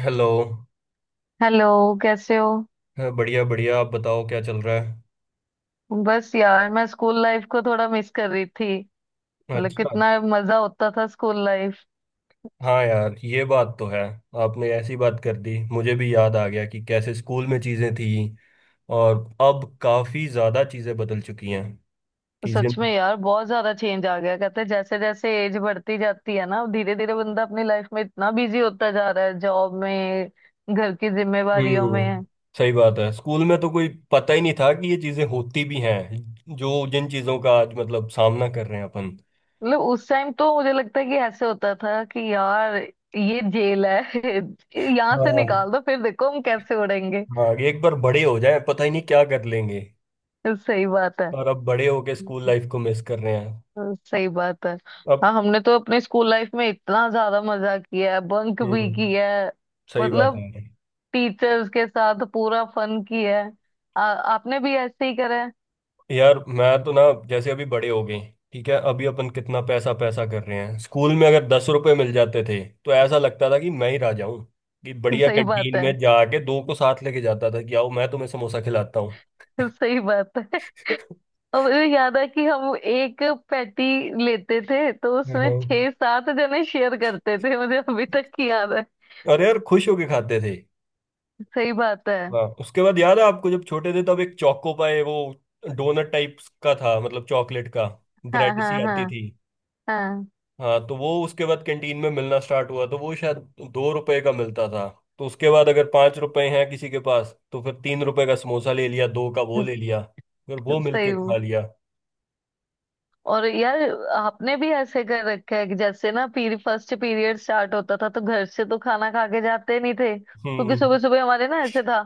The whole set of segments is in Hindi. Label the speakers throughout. Speaker 1: हेलो।
Speaker 2: हेलो। कैसे हो।
Speaker 1: हाँ, बढ़िया बढ़िया। आप बताओ क्या चल रहा है।
Speaker 2: बस यार मैं स्कूल लाइफ को थोड़ा मिस कर रही थी। मतलब
Speaker 1: अच्छा।
Speaker 2: कितना मजा होता था स्कूल लाइफ।
Speaker 1: हाँ यार, ये बात तो है। आपने ऐसी बात कर दी मुझे भी याद आ गया कि कैसे स्कूल में चीज़ें थी। और अब काफ़ी ज़्यादा चीज़ें बदल चुकी हैं। चीज़ें।
Speaker 2: सच में यार बहुत ज्यादा चेंज आ गया, कहते हैं, जैसे जैसे एज बढ़ती जाती है ना धीरे धीरे बंदा अपनी लाइफ में इतना बिजी होता जा रहा है जॉब में, घर की जिम्मेवारियों
Speaker 1: हम्म।
Speaker 2: में।
Speaker 1: सही बात है। स्कूल में तो कोई पता ही नहीं था कि ये चीज़ें होती भी हैं जो जिन चीज़ों का आज मतलब सामना कर रहे हैं अपन।
Speaker 2: मतलब उस टाइम तो मुझे लगता है कि ऐसे होता था कि यार ये जेल है। यहाँ से
Speaker 1: हाँ।
Speaker 2: निकाल दो फिर देखो हम कैसे उड़ेंगे।
Speaker 1: हाँ एक बार बड़े हो जाए पता ही नहीं क्या कर लेंगे।
Speaker 2: सही बात है।
Speaker 1: और अब बड़े होके स्कूल लाइफ को मिस कर रहे हैं।
Speaker 2: हाँ, सही बात है। हाँ,
Speaker 1: अब।
Speaker 2: हमने तो अपने स्कूल लाइफ में इतना ज्यादा मजा किया है, बंक भी
Speaker 1: हम्म।
Speaker 2: किया है।
Speaker 1: सही बात
Speaker 2: मतलब
Speaker 1: है।
Speaker 2: टीचर्स के साथ पूरा फन किया है। आपने भी ऐसे ही करा है।
Speaker 1: यार मैं तो ना जैसे अभी बड़े हो गए। ठीक है, अभी अपन कितना पैसा पैसा कर रहे हैं। स्कूल में अगर 10 रुपए मिल जाते थे तो ऐसा लगता था कि मैं ही राजा हूँ। कि बढ़िया
Speaker 2: सही बात
Speaker 1: कैंटीन
Speaker 2: है।
Speaker 1: में जाके दो को साथ लेके जाता था कि आओ मैं तुम्हें समोसा खिलाता हूँ।
Speaker 2: सही बात है। और मुझे याद है कि हम एक पैटी लेते थे तो उसमें
Speaker 1: हाँ।
Speaker 2: छह सात जने शेयर करते थे, मुझे अभी तक याद है।
Speaker 1: अरे यार खुश होके खाते थे।
Speaker 2: सही बात है।
Speaker 1: हाँ उसके बाद याद है आपको जब छोटे थे तब एक चोको पाए वो डोनट टाइप का था, मतलब चॉकलेट का।
Speaker 2: हाँ
Speaker 1: ब्रेड
Speaker 2: हाँ
Speaker 1: सी आती
Speaker 2: हाँ।
Speaker 1: थी।
Speaker 2: हाँ।
Speaker 1: हाँ तो वो उसके बाद कैंटीन में मिलना स्टार्ट हुआ तो वो शायद 2 रुपए का मिलता था। तो उसके बाद अगर 5 रुपए हैं किसी के पास तो फिर 3 रुपए का समोसा ले लिया, दो का वो ले लिया, फिर वो मिलके खा
Speaker 2: सही।
Speaker 1: लिया।
Speaker 2: और यार आपने भी ऐसे कर रखा है कि जैसे ना पीरी फर्स्ट पीरियड स्टार्ट होता था तो घर से तो खाना खा के जाते नहीं थे क्योंकि
Speaker 1: हम्म।
Speaker 2: सुबह सुबह हमारे ना ऐसे था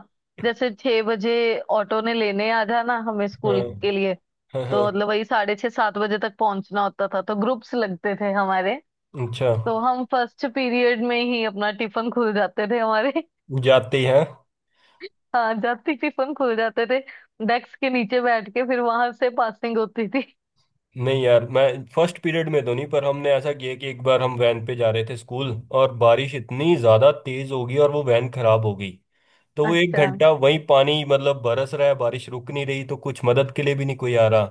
Speaker 2: जैसे 6 बजे ऑटो ने लेने आ जाना हमें स्कूल
Speaker 1: हाँ
Speaker 2: के लिए।
Speaker 1: हाँ
Speaker 2: तो
Speaker 1: हाँ।
Speaker 2: मतलब वही साढ़े छह सात बजे तक पहुंचना होता था तो ग्रुप्स लगते थे हमारे।
Speaker 1: अच्छा।
Speaker 2: तो हम फर्स्ट पीरियड में ही अपना टिफिन खुल जाते थे हमारे।
Speaker 1: जाते हैं।
Speaker 2: हाँ, जाते ही टिफिन खुल जाते थे। डेस्क के नीचे बैठ के फिर वहां से पासिंग होती थी।
Speaker 1: नहीं यार, मैं फर्स्ट पीरियड में तो नहीं, पर हमने ऐसा किया कि एक बार हम वैन पे जा रहे थे स्कूल और बारिश इतनी ज़्यादा तेज़ हो गई और वो वैन खराब हो गई। तो वो एक
Speaker 2: अच्छा।
Speaker 1: घंटा वही पानी, मतलब बरस रहा है बारिश रुक नहीं रही, तो कुछ मदद के लिए भी नहीं कोई आ रहा।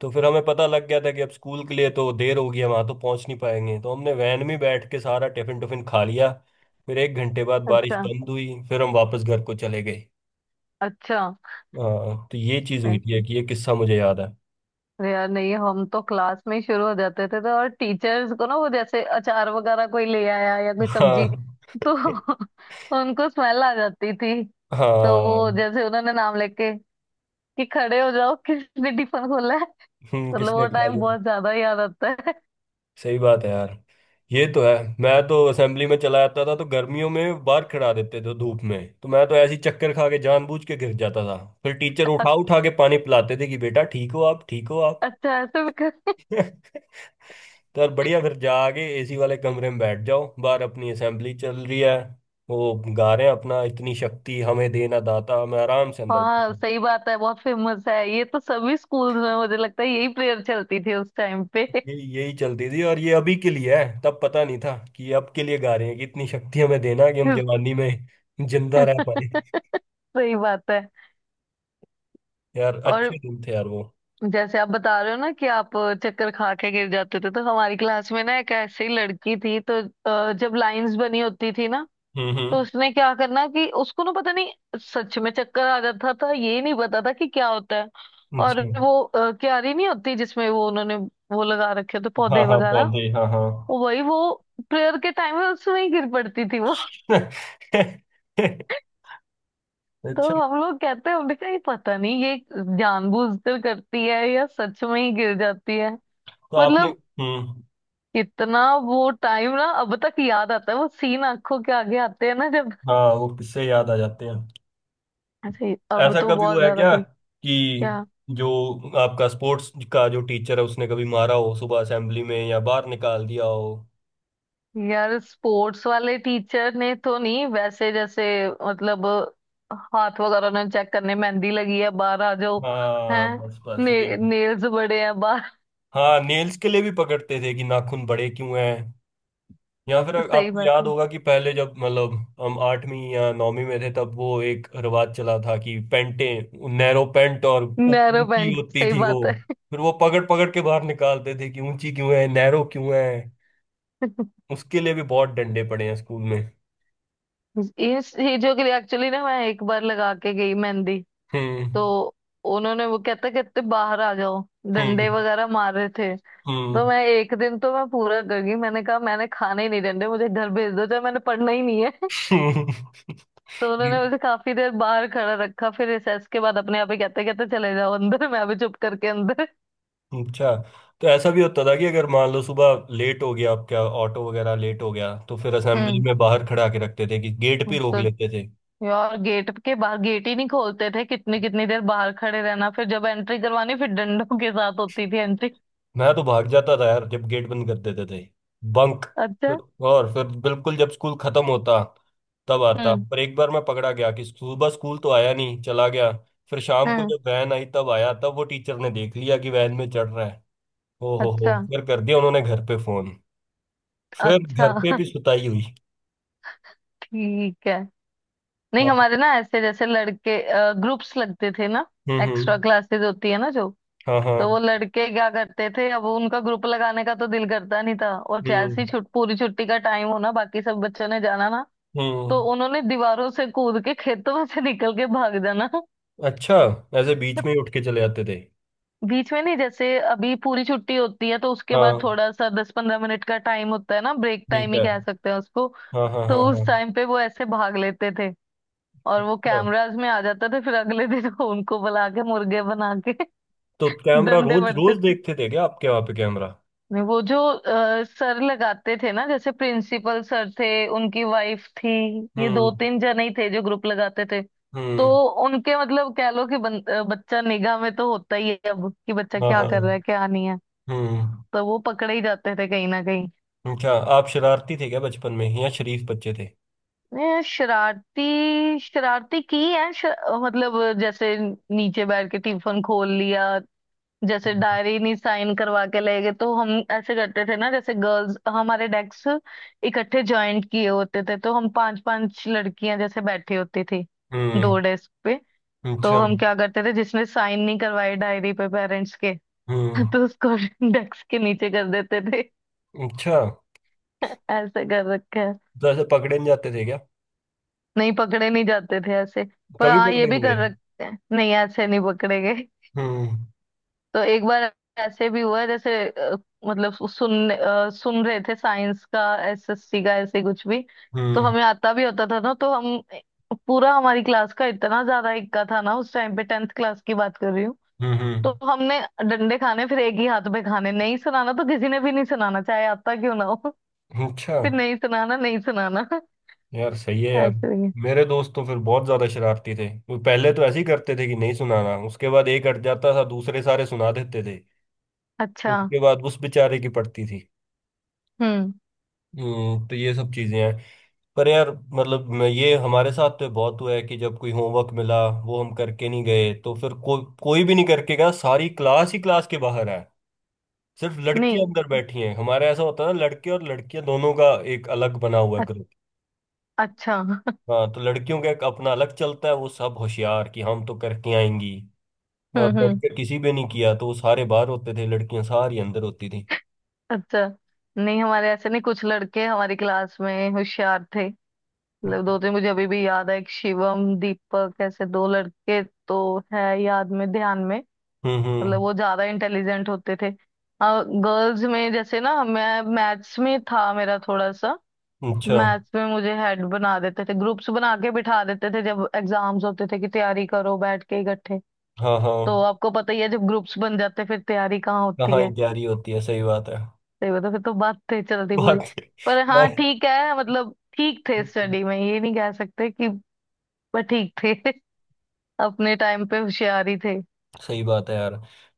Speaker 1: तो फिर हमें पता लग गया था कि अब स्कूल के लिए तो देर होगी, हम वहां तो पहुंच नहीं पाएंगे, तो हमने वैन में बैठ के सारा टिफिन टुफिन खा लिया। फिर 1 घंटे बाद बारिश
Speaker 2: अच्छा।
Speaker 1: बंद हुई फिर हम वापस घर को चले गए।
Speaker 2: अच्छा।
Speaker 1: हाँ तो ये चीज हुई थी कि ये किस्सा मुझे याद है।
Speaker 2: अरे यार नहीं, हम तो क्लास में ही शुरू हो जाते थे तो, और टीचर्स को ना वो जैसे अचार वगैरह कोई ले आया या कोई सब्जी
Speaker 1: हाँ।
Speaker 2: तो उनको स्मेल आ जाती थी। तो
Speaker 1: हाँ।
Speaker 2: वो जैसे उन्होंने नाम लेके कि खड़े हो जाओ किसने टिफिन खोला है। तो मतलब वो
Speaker 1: किसने खा
Speaker 2: टाइम
Speaker 1: लिया।
Speaker 2: बहुत ज्यादा याद आता है।
Speaker 1: सही बात है यार, ये तो है। मैं तो असेंबली में चला जाता था तो गर्मियों में बाहर खड़ा देते थे धूप में, तो मैं तो ऐसी चक्कर खा के जानबूझ के गिर जाता था। फिर टीचर
Speaker 2: अ-
Speaker 1: उठा उठा के पानी पिलाते थे कि बेटा ठीक हो आप, ठीक हो आप।
Speaker 2: अच्छा ऐसे भी कर।
Speaker 1: तो यार बढ़िया, फिर जाके एसी वाले कमरे में बैठ जाओ, बाहर अपनी असेंबली चल रही है, वो गा रहे हैं अपना इतनी शक्ति हमें देना दाता, मैं आराम से अंदर
Speaker 2: हाँ
Speaker 1: बैठा।
Speaker 2: सही बात है, बहुत फेमस है ये तो, सभी स्कूल्स में मुझे लगता है यही प्रेयर चलती थी उस टाइम पे।
Speaker 1: यही यही चलती थी। और ये अभी के लिए है, तब पता नहीं था कि ये अब के लिए गा रहे हैं कि इतनी शक्ति हमें देना कि हम जवानी में जिंदा रह पाए।
Speaker 2: सही बात है।
Speaker 1: यार
Speaker 2: और
Speaker 1: अच्छे दिन थे यार वो।
Speaker 2: जैसे आप बता रहे हो ना कि आप चक्कर खा के गिर जाते थे तो हमारी क्लास में ना एक ऐसी लड़की थी तो जब लाइंस बनी होती थी ना, तो
Speaker 1: हम्म।
Speaker 2: उसने क्या करना कि उसको ना पता नहीं, सच में चक्कर आ जाता था, ये नहीं पता था कि क्या होता है। और
Speaker 1: अच्छा।
Speaker 2: वो क्यारी नहीं होती जिसमें वो उन्होंने वो लगा रखे होते
Speaker 1: हाँ
Speaker 2: पौधे
Speaker 1: हाँ
Speaker 2: वगैरह,
Speaker 1: पौधे हाँ हाँ।
Speaker 2: वो वही वो प्रेयर के टाइम में उसमें ही गिर पड़ती थी वो। तो
Speaker 1: अच्छा।
Speaker 2: हम लोग कहते हैं, हमने कहा ये पता नहीं ये जानबूझकर करती है या सच में ही गिर जाती है।
Speaker 1: तो आपने।
Speaker 2: मतलब
Speaker 1: हम्म।
Speaker 2: इतना वो टाइम ना अब तक याद आता है, वो सीन आंखों के आगे आते हैं ना जब।
Speaker 1: हाँ वो किससे याद आ जाते हैं।
Speaker 2: अरे अब
Speaker 1: ऐसा
Speaker 2: तो
Speaker 1: कभी
Speaker 2: बहुत
Speaker 1: हुआ है
Speaker 2: ज्यादा
Speaker 1: क्या
Speaker 2: भी
Speaker 1: कि
Speaker 2: क्या।
Speaker 1: जो आपका स्पोर्ट्स का जो टीचर है उसने कभी मारा हो सुबह असेंबली में या बाहर निकाल दिया हो।
Speaker 2: यार स्पोर्ट्स वाले टीचर ने तो नहीं, वैसे जैसे मतलब हाथ वगैरह ने चेक करने, मेहंदी लगी है बाहर आ जाओ। हैं।
Speaker 1: हाँ बस बस यही।
Speaker 2: नेल्स बड़े हैं बाहर।
Speaker 1: हाँ नेल्स के लिए भी पकड़ते थे कि नाखून बड़े क्यों हैं। या फिर
Speaker 2: सही
Speaker 1: आपको
Speaker 2: बात
Speaker 1: याद
Speaker 2: है।
Speaker 1: होगा कि पहले जब मतलब हम आठवीं या नौवीं में थे तब वो एक रिवाज चला था कि पैंटें नैरो पैंट और
Speaker 2: नैरो
Speaker 1: ऊंची
Speaker 2: पैंट
Speaker 1: होती
Speaker 2: सही
Speaker 1: थी वो।
Speaker 2: बात है।
Speaker 1: फिर वो पकड़ पकड़ के बाहर निकालते थे कि ऊंची क्यों है, नैरो क्यों है। उसके लिए भी बहुत डंडे पड़े हैं स्कूल में।
Speaker 2: इन चीजों के लिए एक्चुअली ना मैं एक बार लगा के गई मेहंदी। तो
Speaker 1: हम्म।
Speaker 2: उन्होंने वो कहते कहते बाहर आ जाओ, डंडे
Speaker 1: हम्म।
Speaker 2: वगैरह मार रहे थे। तो
Speaker 1: हम्म।
Speaker 2: मैं एक दिन तो मैं पूरा कर गई, मैंने कहा मैंने खाने ही नहीं देने, मुझे घर भेज दो, चाहे मैंने पढ़ना ही नहीं है।
Speaker 1: हम्म।
Speaker 2: तो उन्होंने मुझे काफी देर बाहर खड़ा रखा, फिर रिसेस के बाद अपने आप ही कहते कहते चले जाओ अंदर, मैं भी चुप करके अंदर।
Speaker 1: अच्छा, तो ऐसा भी होता था कि अगर मान लो सुबह लेट हो गया आपका ऑटो वगैरह लेट हो गया, तो फिर असेंबली
Speaker 2: हम्म।
Speaker 1: में बाहर खड़ा के रखते थे, कि गेट पे रोक
Speaker 2: तो
Speaker 1: लेते थे।
Speaker 2: यार गेट के बाहर गेट ही नहीं खोलते थे, कितनी कितनी देर बाहर खड़े रहना, फिर जब एंट्री करवानी फिर डंडों के साथ होती थी एंट्री।
Speaker 1: मैं तो भाग जाता था यार जब गेट बंद कर देते थे। बंक।
Speaker 2: अच्छा।
Speaker 1: और फिर बिल्कुल जब स्कूल खत्म होता तब आता,
Speaker 2: हम्म
Speaker 1: पर एक बार मैं पकड़ा गया कि सुबह स्कूल तो आया नहीं, चला गया। फिर शाम को
Speaker 2: हम्म।
Speaker 1: जब वैन आई तब आया, तब वो टीचर ने देख लिया कि वैन में चढ़ रहा है। ओ हो,
Speaker 2: अच्छा।
Speaker 1: फिर कर दिया उन्होंने घर पे फोन। फिर
Speaker 2: अच्छा।
Speaker 1: घर पे भी सुताई हुई।
Speaker 2: ठीक है। नहीं
Speaker 1: हाँ।
Speaker 2: हमारे ना ऐसे जैसे लड़के ग्रुप्स लगते थे ना, एक्स्ट्रा
Speaker 1: हम्म।
Speaker 2: क्लासेस होती है ना जो।
Speaker 1: हाँ हाँ।
Speaker 2: तो वो लड़के क्या करते थे, अब उनका ग्रुप लगाने का तो दिल करता नहीं था और
Speaker 1: हम्म
Speaker 2: जैसे ही छुट पूरी छुट्टी का टाइम होना, बाकी सब बच्चों ने जाना ना, तो
Speaker 1: हम्म।
Speaker 2: उन्होंने दीवारों से कूद के खेतों में से निकल के भाग जाना।
Speaker 1: अच्छा, ऐसे बीच में ही उठ के चले आते थे।
Speaker 2: बीच में नहीं, जैसे अभी पूरी छुट्टी होती है तो उसके बाद
Speaker 1: हाँ
Speaker 2: थोड़ा सा 10-15 मिनट का टाइम होता है ना, ब्रेक
Speaker 1: ठीक
Speaker 2: टाइम ही
Speaker 1: है।
Speaker 2: कह सकते हैं उसको।
Speaker 1: हाँ हाँ
Speaker 2: तो
Speaker 1: हाँ हाँ।
Speaker 2: उस टाइम पे वो ऐसे भाग लेते थे और वो
Speaker 1: अच्छा,
Speaker 2: कैमराज में आ जाता था, फिर अगले दिन उनको बुला के मुर्गे बना के
Speaker 1: तो कैमरा
Speaker 2: डंडे
Speaker 1: रोज
Speaker 2: पड़ते
Speaker 1: रोज
Speaker 2: थे।
Speaker 1: देखते थे क्या आपके वहां पे कैमरा।
Speaker 2: नहीं वो जो सर लगाते थे ना, जैसे प्रिंसिपल सर थे, उनकी वाइफ थी, ये दो
Speaker 1: हम्म।
Speaker 2: तीन जने ही थे जो ग्रुप लगाते थे। तो
Speaker 1: हम्म।
Speaker 2: उनके मतलब कह लो कि बच्चा निगाह में तो होता ही है अब कि बच्चा
Speaker 1: हाँ
Speaker 2: क्या
Speaker 1: हाँ।
Speaker 2: कर रहा है क्या नहीं है,
Speaker 1: हम्म।
Speaker 2: तो वो पकड़े ही जाते थे कहीं ना कहीं।
Speaker 1: अच्छा, आप शरारती थे क्या बचपन में या शरीफ बच्चे थे।
Speaker 2: ये शरारती शरारती की है। मतलब जैसे नीचे बैठ के टिफिन खोल लिया, जैसे डायरी नहीं साइन करवा के ले गए तो हम ऐसे करते थे ना, जैसे गर्ल्स हमारे डेस्क इकट्ठे ज्वाइंट किए होते थे तो हम पांच पांच लड़कियां जैसे बैठी होती थी दो
Speaker 1: हम्म।
Speaker 2: डेस्क पे। तो
Speaker 1: अच्छा।
Speaker 2: हम क्या करते थे, जिसने साइन नहीं करवाए डायरी पे पेरेंट्स के,
Speaker 1: हम्म।
Speaker 2: तो उसको डेस्क के नीचे कर देते थे।
Speaker 1: अच्छा,
Speaker 2: ऐसे कर रखा है।
Speaker 1: जैसे पकड़े नहीं जाते थे क्या।
Speaker 2: नहीं, पकड़े नहीं जाते थे ऐसे। पर
Speaker 1: कभी
Speaker 2: हाँ, ये
Speaker 1: पकड़े
Speaker 2: भी
Speaker 1: नहीं
Speaker 2: कर
Speaker 1: गए।
Speaker 2: रखते हैं, नहीं ऐसे नहीं पकड़े गए।
Speaker 1: हम्म।
Speaker 2: तो एक बार ऐसे भी हुआ, जैसे मतलब सुन सुन रहे थे साइंस का, एसएससी का, ऐसे कुछ भी। तो
Speaker 1: हम्म।
Speaker 2: हमें आता भी होता था ना तो हम पूरा हमारी क्लास का इतना ज्यादा इक्का था ना उस टाइम पे, टेंथ क्लास की बात कर रही हूँ।
Speaker 1: हम्म।
Speaker 2: तो हमने डंडे खाने फिर एक ही हाथ में खाने, नहीं सुनाना तो किसी ने भी नहीं सुनाना, चाहे आता क्यों ना हो।
Speaker 1: अच्छा।
Speaker 2: फिर नहीं सुनाना नहीं सुनाना।
Speaker 1: यार सही है यार।
Speaker 2: ऐसे ही।
Speaker 1: मेरे दोस्त तो फिर बहुत ज्यादा शरारती थे, वो पहले तो ऐसे ही करते थे कि नहीं सुनाना, उसके बाद एक अट जाता था दूसरे सारे सुना देते थे।
Speaker 2: अच्छा।
Speaker 1: उसके बाद उस बेचारे की पड़ती थी।
Speaker 2: हम्म।
Speaker 1: हम्म। तो ये सब चीजें हैं। पर यार मतलब ये हमारे साथ तो बहुत हुआ है कि जब कोई होमवर्क मिला वो हम करके नहीं गए तो फिर कोई भी नहीं करके गया, सारी क्लास ही क्लास के बाहर है, सिर्फ लड़कियां
Speaker 2: नहीं।
Speaker 1: अंदर बैठी हैं। हमारे ऐसा होता है ना, लड़के और लड़कियां दोनों का एक अलग बना हुआ
Speaker 2: अ-
Speaker 1: ग्रुप।
Speaker 2: अच्छा।
Speaker 1: हाँ तो लड़कियों का एक अपना अलग चलता है, वो सब होशियार कि हम तो करके आएंगी। और
Speaker 2: हम्म।
Speaker 1: लड़के किसी भी नहीं किया तो वो सारे बाहर होते थे, लड़कियां सारी अंदर होती थी।
Speaker 2: अच्छा। नहीं हमारे ऐसे नहीं, कुछ लड़के हमारी क्लास में होशियार थे।
Speaker 1: हम्म
Speaker 2: मतलब दो तीन मुझे अभी भी याद है, एक शिवम दीपक ऐसे दो लड़के, तो है याद में ध्यान में। मतलब
Speaker 1: हम्म।
Speaker 2: वो ज्यादा इंटेलिजेंट होते थे। गर्ल्स में जैसे ना मैं मैथ्स में था, मेरा थोड़ा सा
Speaker 1: अच्छा।
Speaker 2: मैथ्स में मुझे हेड बना देते थे, ग्रुप्स बना के बिठा देते थे जब एग्जाम्स होते थे कि तैयारी करो बैठ के इकट्ठे।
Speaker 1: हाँ
Speaker 2: तो
Speaker 1: हाँ।
Speaker 2: आपको पता ही है, जब ग्रुप्स बन जाते हैं, फिर तैयारी कहाँ होती
Speaker 1: कहाँ ही
Speaker 2: है।
Speaker 1: तैयारी होती है, सही बात है।
Speaker 2: सही बता, फिर तो बात थे चलती
Speaker 1: बहुत।
Speaker 2: पूरी। पर हाँ
Speaker 1: बहुत।
Speaker 2: ठीक है, मतलब ठीक थे स्टडी में, ये नहीं कह सकते कि, पर ठीक थे। अपने टाइम पे होशियार ही थे।
Speaker 1: सही बात है यार,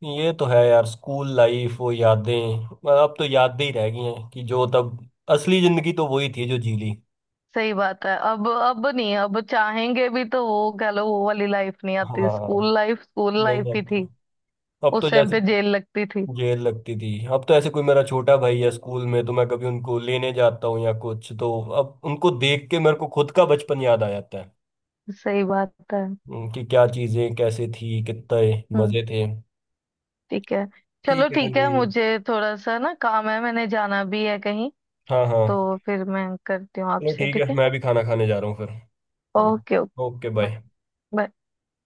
Speaker 1: ये तो है यार। स्कूल लाइफ, वो यादें मतलब अब तो यादें ही रह गई हैं कि जो तब असली जिंदगी तो वही थी जो जी ली।
Speaker 2: सही बात है। अब नहीं, अब चाहेंगे भी तो वो कह लो वो वाली लाइफ नहीं आती,
Speaker 1: हाँ।
Speaker 2: स्कूल
Speaker 1: नहीं
Speaker 2: लाइफ ही
Speaker 1: आती।
Speaker 2: थी।
Speaker 1: अब तो
Speaker 2: उस टाइम
Speaker 1: जैसे
Speaker 2: पे जेल लगती थी।
Speaker 1: जेल लगती थी। अब तो ऐसे कोई मेरा छोटा भाई है स्कूल में तो मैं कभी उनको लेने जाता हूँ या कुछ तो, अब उनको देख के मेरे को खुद का बचपन याद आ जाता है।
Speaker 2: सही बात है।
Speaker 1: कि क्या चीजें कैसे थी कितने
Speaker 2: हम्म।
Speaker 1: मजे थे।
Speaker 2: ठीक है। चलो
Speaker 1: ठीक है
Speaker 2: ठीक है,
Speaker 1: जी।
Speaker 2: मुझे थोड़ा सा ना काम है, मैंने जाना भी है कहीं।
Speaker 1: हाँ हाँ।
Speaker 2: तो फिर मैं करती हूँ
Speaker 1: चलो
Speaker 2: आपसे,
Speaker 1: ठीक
Speaker 2: ठीक
Speaker 1: है,
Speaker 2: है।
Speaker 1: मैं भी खाना खाने जा रहा हूँ फिर। हम्म।
Speaker 2: Okay okay.
Speaker 1: ओके भाई।
Speaker 2: बाय।